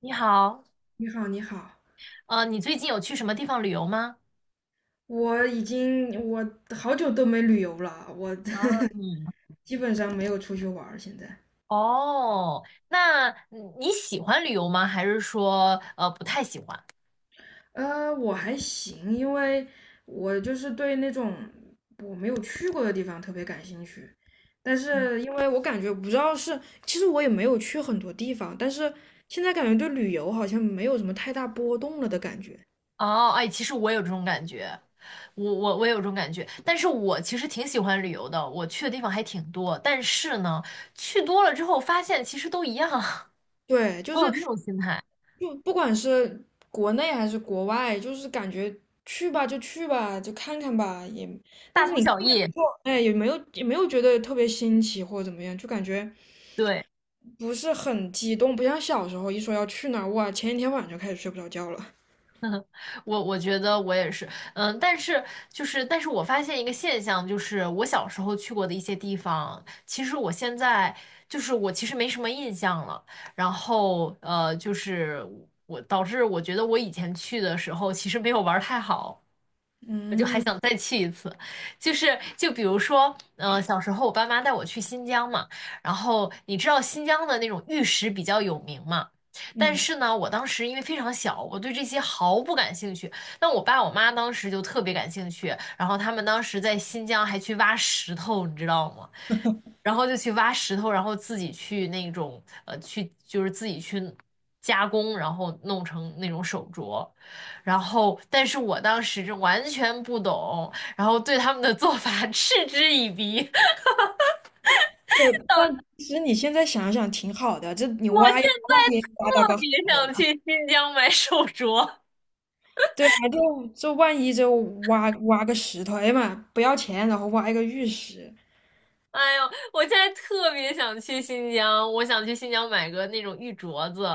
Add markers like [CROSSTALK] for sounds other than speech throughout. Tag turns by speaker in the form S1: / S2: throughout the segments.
S1: 你好，
S2: 你好，你好，
S1: 你最近有去什么地方旅游吗？
S2: 我已经我好久都没旅游了，我
S1: 啊，嗯，
S2: [LAUGHS] 基本上没有出去玩儿现在。
S1: 哦，那你喜欢旅游吗？还是说不太喜欢？
S2: 我还行，因为我就是对那种我没有去过的地方特别感兴趣，但是因为我感觉不知道是，其实我也没有去很多地方，但是现在感觉对旅游好像没有什么太大波动了的感觉。
S1: 哦，哎，其实我有这种感觉，我有这种感觉，但是我其实挺喜欢旅游的，我去的地方还挺多，但是呢，去多了之后发现其实都一样，
S2: 对，
S1: [LAUGHS]
S2: 就
S1: 我有
S2: 是
S1: 这种心态，
S2: 就不管是国内还是国外，就是感觉去吧就去吧，就看看吧，也，但
S1: 大
S2: 是
S1: 同
S2: 你
S1: 小异。
S2: 哎也没有也没有觉得特别新奇或者怎么样，就感觉
S1: 对。
S2: 不是很激动，不像小时候一说要去哪儿，哇，前一天晚上就开始睡不着觉了。
S1: 我我觉得我也是，嗯，但是就是，但是我发现一个现象，就是我小时候去过的一些地方，其实我现在就是我其实没什么印象了。然后就是我导致我觉得我以前去的时候其实没有玩儿太好。我就还
S2: 嗯
S1: 想再去一次，就是就比如说，嗯、小时候我爸妈带我去新疆嘛，然后你知道新疆的那种玉石比较有名嘛，但
S2: 嗯，
S1: 是呢，我当时因为非常小，我对这些毫不感兴趣，但我爸我妈当时就特别感兴趣，然后他们当时在新疆还去挖石头，你知道吗？然后就去挖石头，然后自己去那种去就是自己去加工，然后弄成那种手镯。然后，但是我当时是完全不懂，然后对他们的做法 [LAUGHS] 嗤之以鼻。[LAUGHS]
S2: 对，但其实你现在想想挺好的，这你
S1: 我现
S2: 挖一挖，万
S1: 在
S2: 一挖到
S1: 特
S2: 个好
S1: 别
S2: 的
S1: 想
S2: 呢。
S1: 去新疆买手镯，
S2: 对啊，就就万一就挖挖个石头，哎呀妈不要钱，然后挖一个玉石。
S1: 哎呦，我现在特别想去新疆，我想去新疆买个那种玉镯子。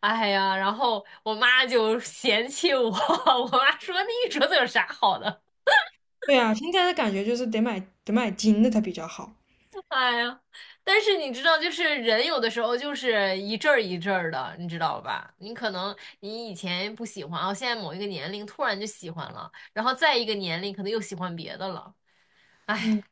S1: 哎呀，然后我妈就嫌弃我，[LAUGHS] 我妈说那玉镯子有啥好的？
S2: 对啊，现在的感觉就是得买金的它比较好。
S1: [LAUGHS] 哎呀，但是你知道，就是人有的时候就是一阵儿一阵儿的，你知道吧？你可能你以前不喜欢，哦，现在某一个年龄突然就喜欢了，然后再一个年龄可能又喜欢别的了。[LAUGHS] 哎，
S2: 嗯，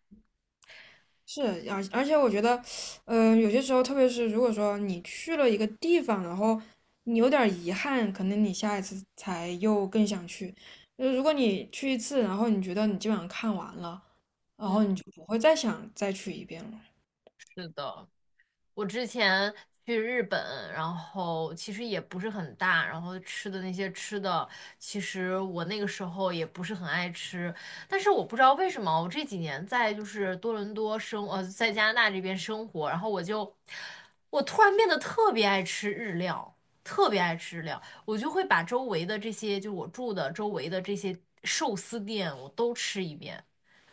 S2: 是，而且我觉得，有些时候，特别是如果说你去了一个地方，然后你有点儿遗憾，可能你下一次才又更想去。如果你去一次，然后你觉得你基本上看完了，然
S1: 嗯，
S2: 后你就不会再想再去一遍了。
S1: 是的。我之前去日本，然后其实也不是很大，然后吃的那些吃的，其实我那个时候也不是很爱吃，但是我不知道为什么，我这几年在就是多伦多生，在加拿大这边生活，然后我就，我突然变得特别爱吃日料，特别爱吃日料，我就会把周围的这些，就我住的周围的这些寿司店，我都吃一遍。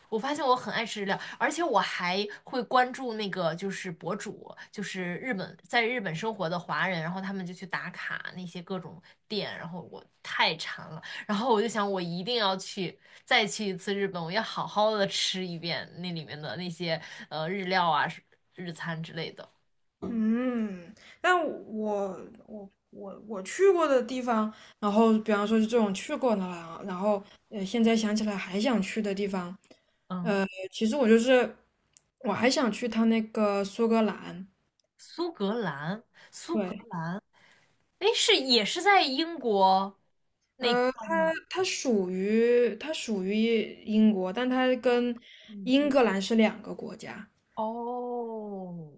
S1: 我发现我很爱吃日料，而且我还会关注那个就是博主，就是日本在日本生活的华人，然后他们就去打卡那些各种店，然后我太馋了，然后我就想我一定要去再去一次日本，我要好好的吃一遍那里面的那些日料啊、日餐之类的。
S2: 嗯，但我我去过的地方，然后比方说是这种去过的啊，然后现在想起来还想去的地方，
S1: 嗯，
S2: 其实我就是我还想去他那个苏格兰，
S1: 苏格兰，苏格，
S2: 对，
S1: 哎是也是在英国那块儿吗？
S2: 它属于英国，但它跟
S1: 嗯，
S2: 英格兰是两个国家。
S1: 哦，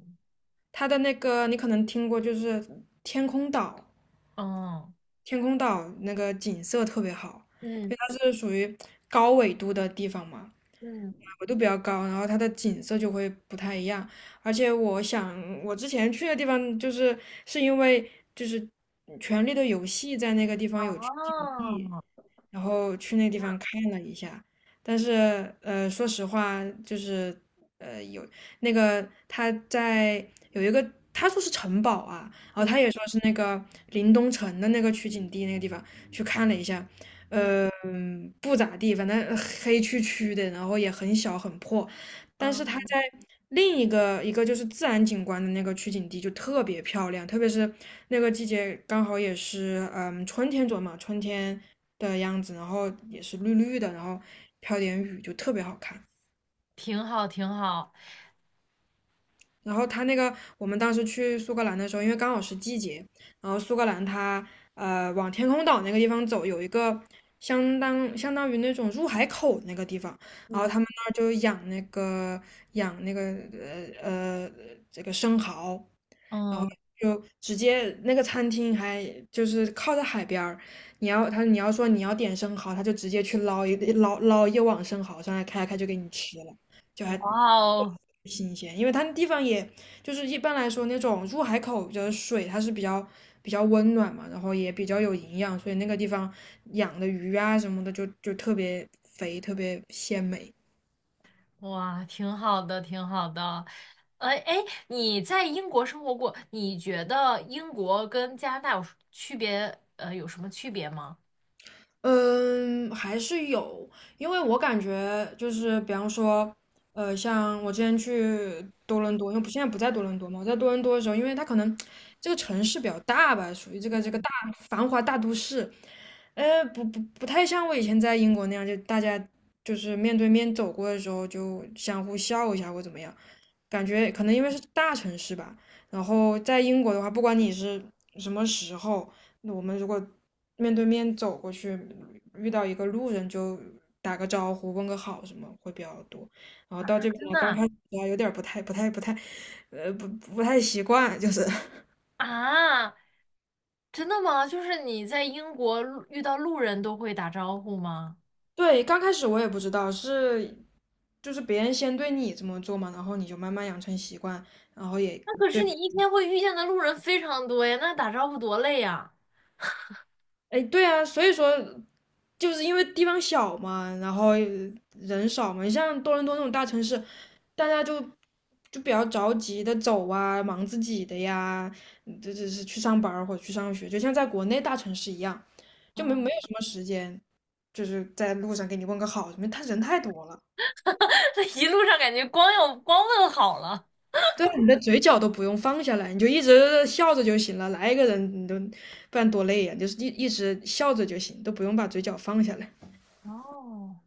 S2: 它的那个你可能听过，就是天空岛。
S1: 嗯。
S2: 天空岛那个景色特别好，因
S1: 嗯，
S2: 为它是属于高纬度的地方嘛，
S1: 嗯，
S2: 纬度比较高，然后它的景色就会不太一样。而且我想，我之前去的地方就是是因为就是权力的游戏》在那个地方有取景地，
S1: 哦，
S2: 然后去那
S1: 这
S2: 地
S1: 样，
S2: 方看了一下，但是说实话，就是有那个他在有一个他说是城堡啊，然后
S1: 嗯
S2: 他也说是那个临冬城的那个取景地那个地方去看了一下，
S1: 嗯
S2: 不咋地，反正黑黢黢的，然后也很小很破，但是他
S1: 嗯
S2: 在另一个就是自然景观的那个取景地就特别漂亮，特别是那个季节刚好也是春天左右嘛，春天的样子，然后也是绿绿的，然后飘点雨，就特别好看。
S1: 挺好，挺好。
S2: 然后它那个，我们当时去苏格兰的时候，因为刚好是季节，然后苏格兰它往天空岛那个地方走，有一个相当于那种入海口那个地方，然后
S1: 嗯，
S2: 他们那儿就养那个养那个呃呃这个生蚝，然后
S1: 嗯，
S2: 就直接那个餐厅还就是靠在海边儿，你要他你要说你要点生蚝，他就直接去捞一网生蚝上来开开就给你吃了，就还
S1: 哇哦，
S2: 挺新鲜，因为它那地方也就是一般来说那种入海口的水它是比较温暖嘛，然后也比较有营养，所以那个地方养的鱼啊什么的就特别肥，特别鲜美。
S1: 哇，挺好的，挺好的。哎哎，你在英国生活过，你觉得英国跟加拿大有区别？有什么区别吗？
S2: 嗯，还是有，因为我感觉就是，比方说，像我之前去多伦多，因为不现在不在多伦多嘛，我在多伦多的时候，因为它可能这个城市比较大吧，属于这个
S1: 嗯，
S2: 大繁华大都市，不太像我以前在英国那样，就大家就是面对面走过的时候就相互笑一下或怎么样，感觉可能因为是大城市吧，然后在英国的话，不管你是什么时候。那我们如果面对面走过去，遇到一个路人就打个招呼，问个好什么会比较多。然后
S1: 啊，
S2: 到这边
S1: 真
S2: 来，刚
S1: 的
S2: 开始啊有点儿不太，呃，不不太习惯，就是 [LAUGHS]
S1: 啊？啊真的吗？就是你在英国路遇到路人都会打招呼吗？
S2: 对，刚开始我也不知道是，就是别人先对你这么做嘛，然后你就慢慢养成习惯，然后也
S1: 那可是
S2: 对。
S1: 你一天会遇见的路人非常多呀，那打招呼多累呀！
S2: 哎，对啊，所以说就是因为地方小嘛，然后人少嘛，你像多伦多那种大城市，大家就比较着急的走啊，忙自己的呀，这是去上班儿或者去上学，就像在国内大城市一样，就没有什么时间，就是在路上给你问个好什么，他人太多了。
S1: [LAUGHS] 这一路上感觉光要光问好了。
S2: 对啊，你的嘴角都不用放下来，你就一直笑着就行了。来一个人，你都不然多累呀、你就是一直笑着就行，都不用把嘴角放下来。
S1: 哦，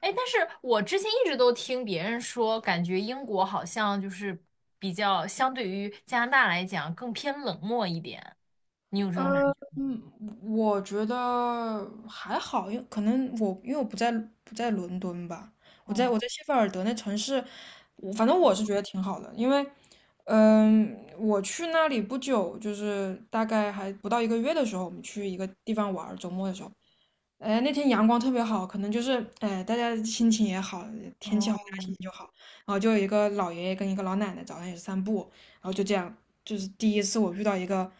S1: 哎，但是我之前一直都听别人说，感觉英国好像就是比较相对于加拿大来讲更偏冷漠一点，你有这种感觉？
S2: 嗯，我觉得还好，因为可能我因为我不在伦敦吧，我在
S1: 哦，
S2: 我在谢菲尔德那城市，我反正我是觉得挺好的，因为，嗯，我去那里不久，就是大概还不到一个月的时候，我们去一个地方玩儿，周末的时候，哎，那天阳光特别好，可能就是哎，大家心情也好，天气好，大家心
S1: 哦，
S2: 情就好。然后就有一个老爷爷跟一个老奶奶早上也是散步，然后就这样，就是第一次我遇到一个，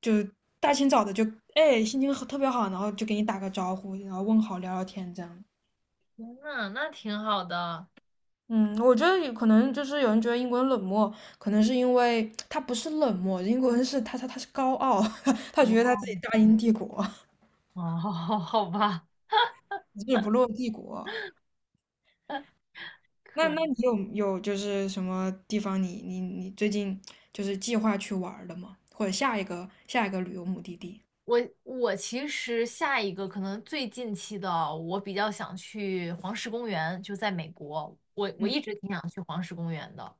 S2: 就是大清早的就哎心情好特别好，然后就给你打个招呼，然后问好聊聊天这样。
S1: 天呐，那挺好的。
S2: 嗯，我觉得有可能就是有人觉得英国人冷漠，可能是因为他不是冷漠，英国人是他是高傲，[LAUGHS] 他觉得他自
S1: 哦，
S2: 己大英帝国，
S1: 哦，[LAUGHS] 好吧，
S2: [LAUGHS] 日不落帝国。那那
S1: 可
S2: 你有有就是什么地方你最近就是计划去玩儿的吗？或者下一个旅游目的地？
S1: 我我其实下一个可能最近期的，我比较想去黄石公园，就在美国。我我
S2: 嗯
S1: 一直挺想去黄石公园的，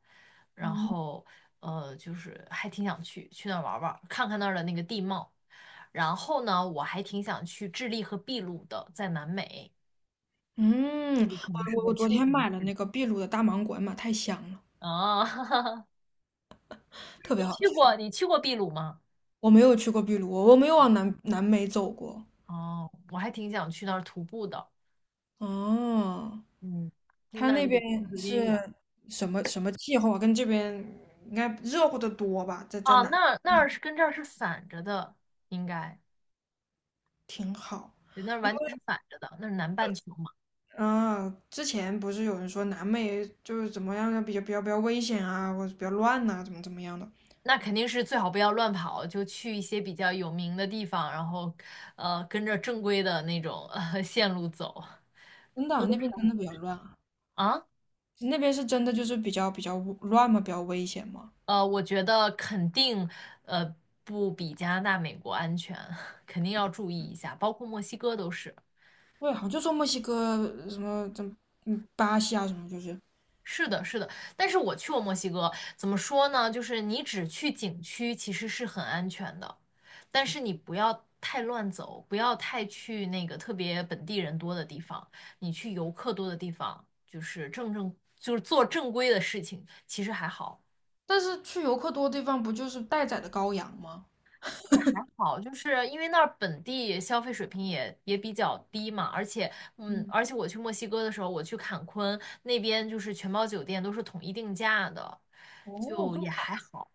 S1: 然
S2: 嗯，
S1: 后就是还挺想去去那儿玩儿玩儿看看那儿的那个地貌。然后呢，我还挺想去智利和秘鲁的，在南美，那
S2: 嗯，
S1: 个可能
S2: 我
S1: 适
S2: 我
S1: 合
S2: 我昨
S1: 秋
S2: 天
S1: 天
S2: 买了那个秘鲁的大芒果，妈太香了，
S1: 啊。[LAUGHS]
S2: 特别
S1: 你
S2: 好
S1: 去
S2: 吃。
S1: 过你去过秘鲁吗？
S2: 我没有去过秘鲁，我没有往南美走过。
S1: 哦，我还挺想去那儿徒步的，
S2: 哦，
S1: 嗯，
S2: 它
S1: 那儿
S2: 那
S1: 有
S2: 边
S1: 点就是有点远。
S2: 是什么气候啊？跟这边应该热乎的多吧？在在
S1: 啊，
S2: 南
S1: 那那儿是跟这儿是反着的，应该，
S2: 挺好。
S1: 对，那儿完全是反着的，那是南半球嘛，
S2: 嗯，之前不是有人说南美就是怎么样，比较危险啊，或者比较乱呐、怎么怎么样的？
S1: 那肯定是最好不要乱跑，就去一些比较有名的地方，然后，跟着正规的那种[LAUGHS] 线路走
S2: 真的，那边真的比较乱啊，
S1: 啊，
S2: 那边是真的就是比较乱嘛，比较危险嘛。
S1: 我觉得肯定，呃，不比加拿大、美国安全，[LAUGHS] 肯定要注意一下，包括墨西哥都是。
S2: 对，好像就说墨西哥什么怎么嗯巴西啊什么就是，
S1: 是的，是的，但是我去过墨西哥，怎么说呢？就是你只去景区其实是很安全的，但是你不要太乱走，不要太去那个特别本地人多的地方，你去游客多的地方，就是正正就是做正规的事情，其实还好。
S2: 但是去游客多的地方不就是待宰的羔羊吗？
S1: 但是还好，就是因为那儿本地消费水平也也比较低嘛，而且，嗯，
S2: 嗯，
S1: 而且我去墨西哥的时候，我去坎昆那边，就是全包酒店都是统一定价的，
S2: 哦，
S1: 就
S2: 这
S1: 也
S2: 么
S1: 还
S2: 好，
S1: 好。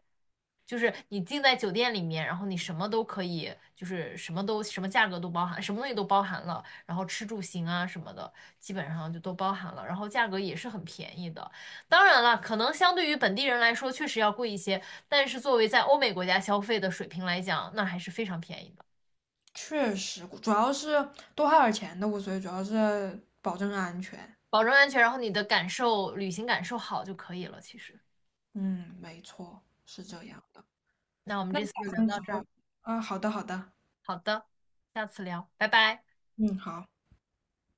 S1: 就是你进在酒店里面，然后你什么都可以，就是什么都什么价格都包含，什么东西都包含了，然后吃住行啊什么的，基本上就都包含了，然后价格也是很便宜的。当然了，可能相对于本地人来说确实要贵一些，但是作为在欧美国家消费的水平来讲，那还是非常便宜的，
S2: 确实，主要是多花点钱的无所谓，主要是保证安全。
S1: 保证安全，然后你的感受，旅行感受好就可以了。其实，
S2: 嗯，没错，是这样。
S1: 那我们
S2: 那
S1: 这
S2: 你
S1: 次就
S2: 打
S1: 聊
S2: 算
S1: 到
S2: 什
S1: 这儿，
S2: 么？啊，好的，好的。
S1: 好的，下次聊，拜拜。
S2: 嗯，好。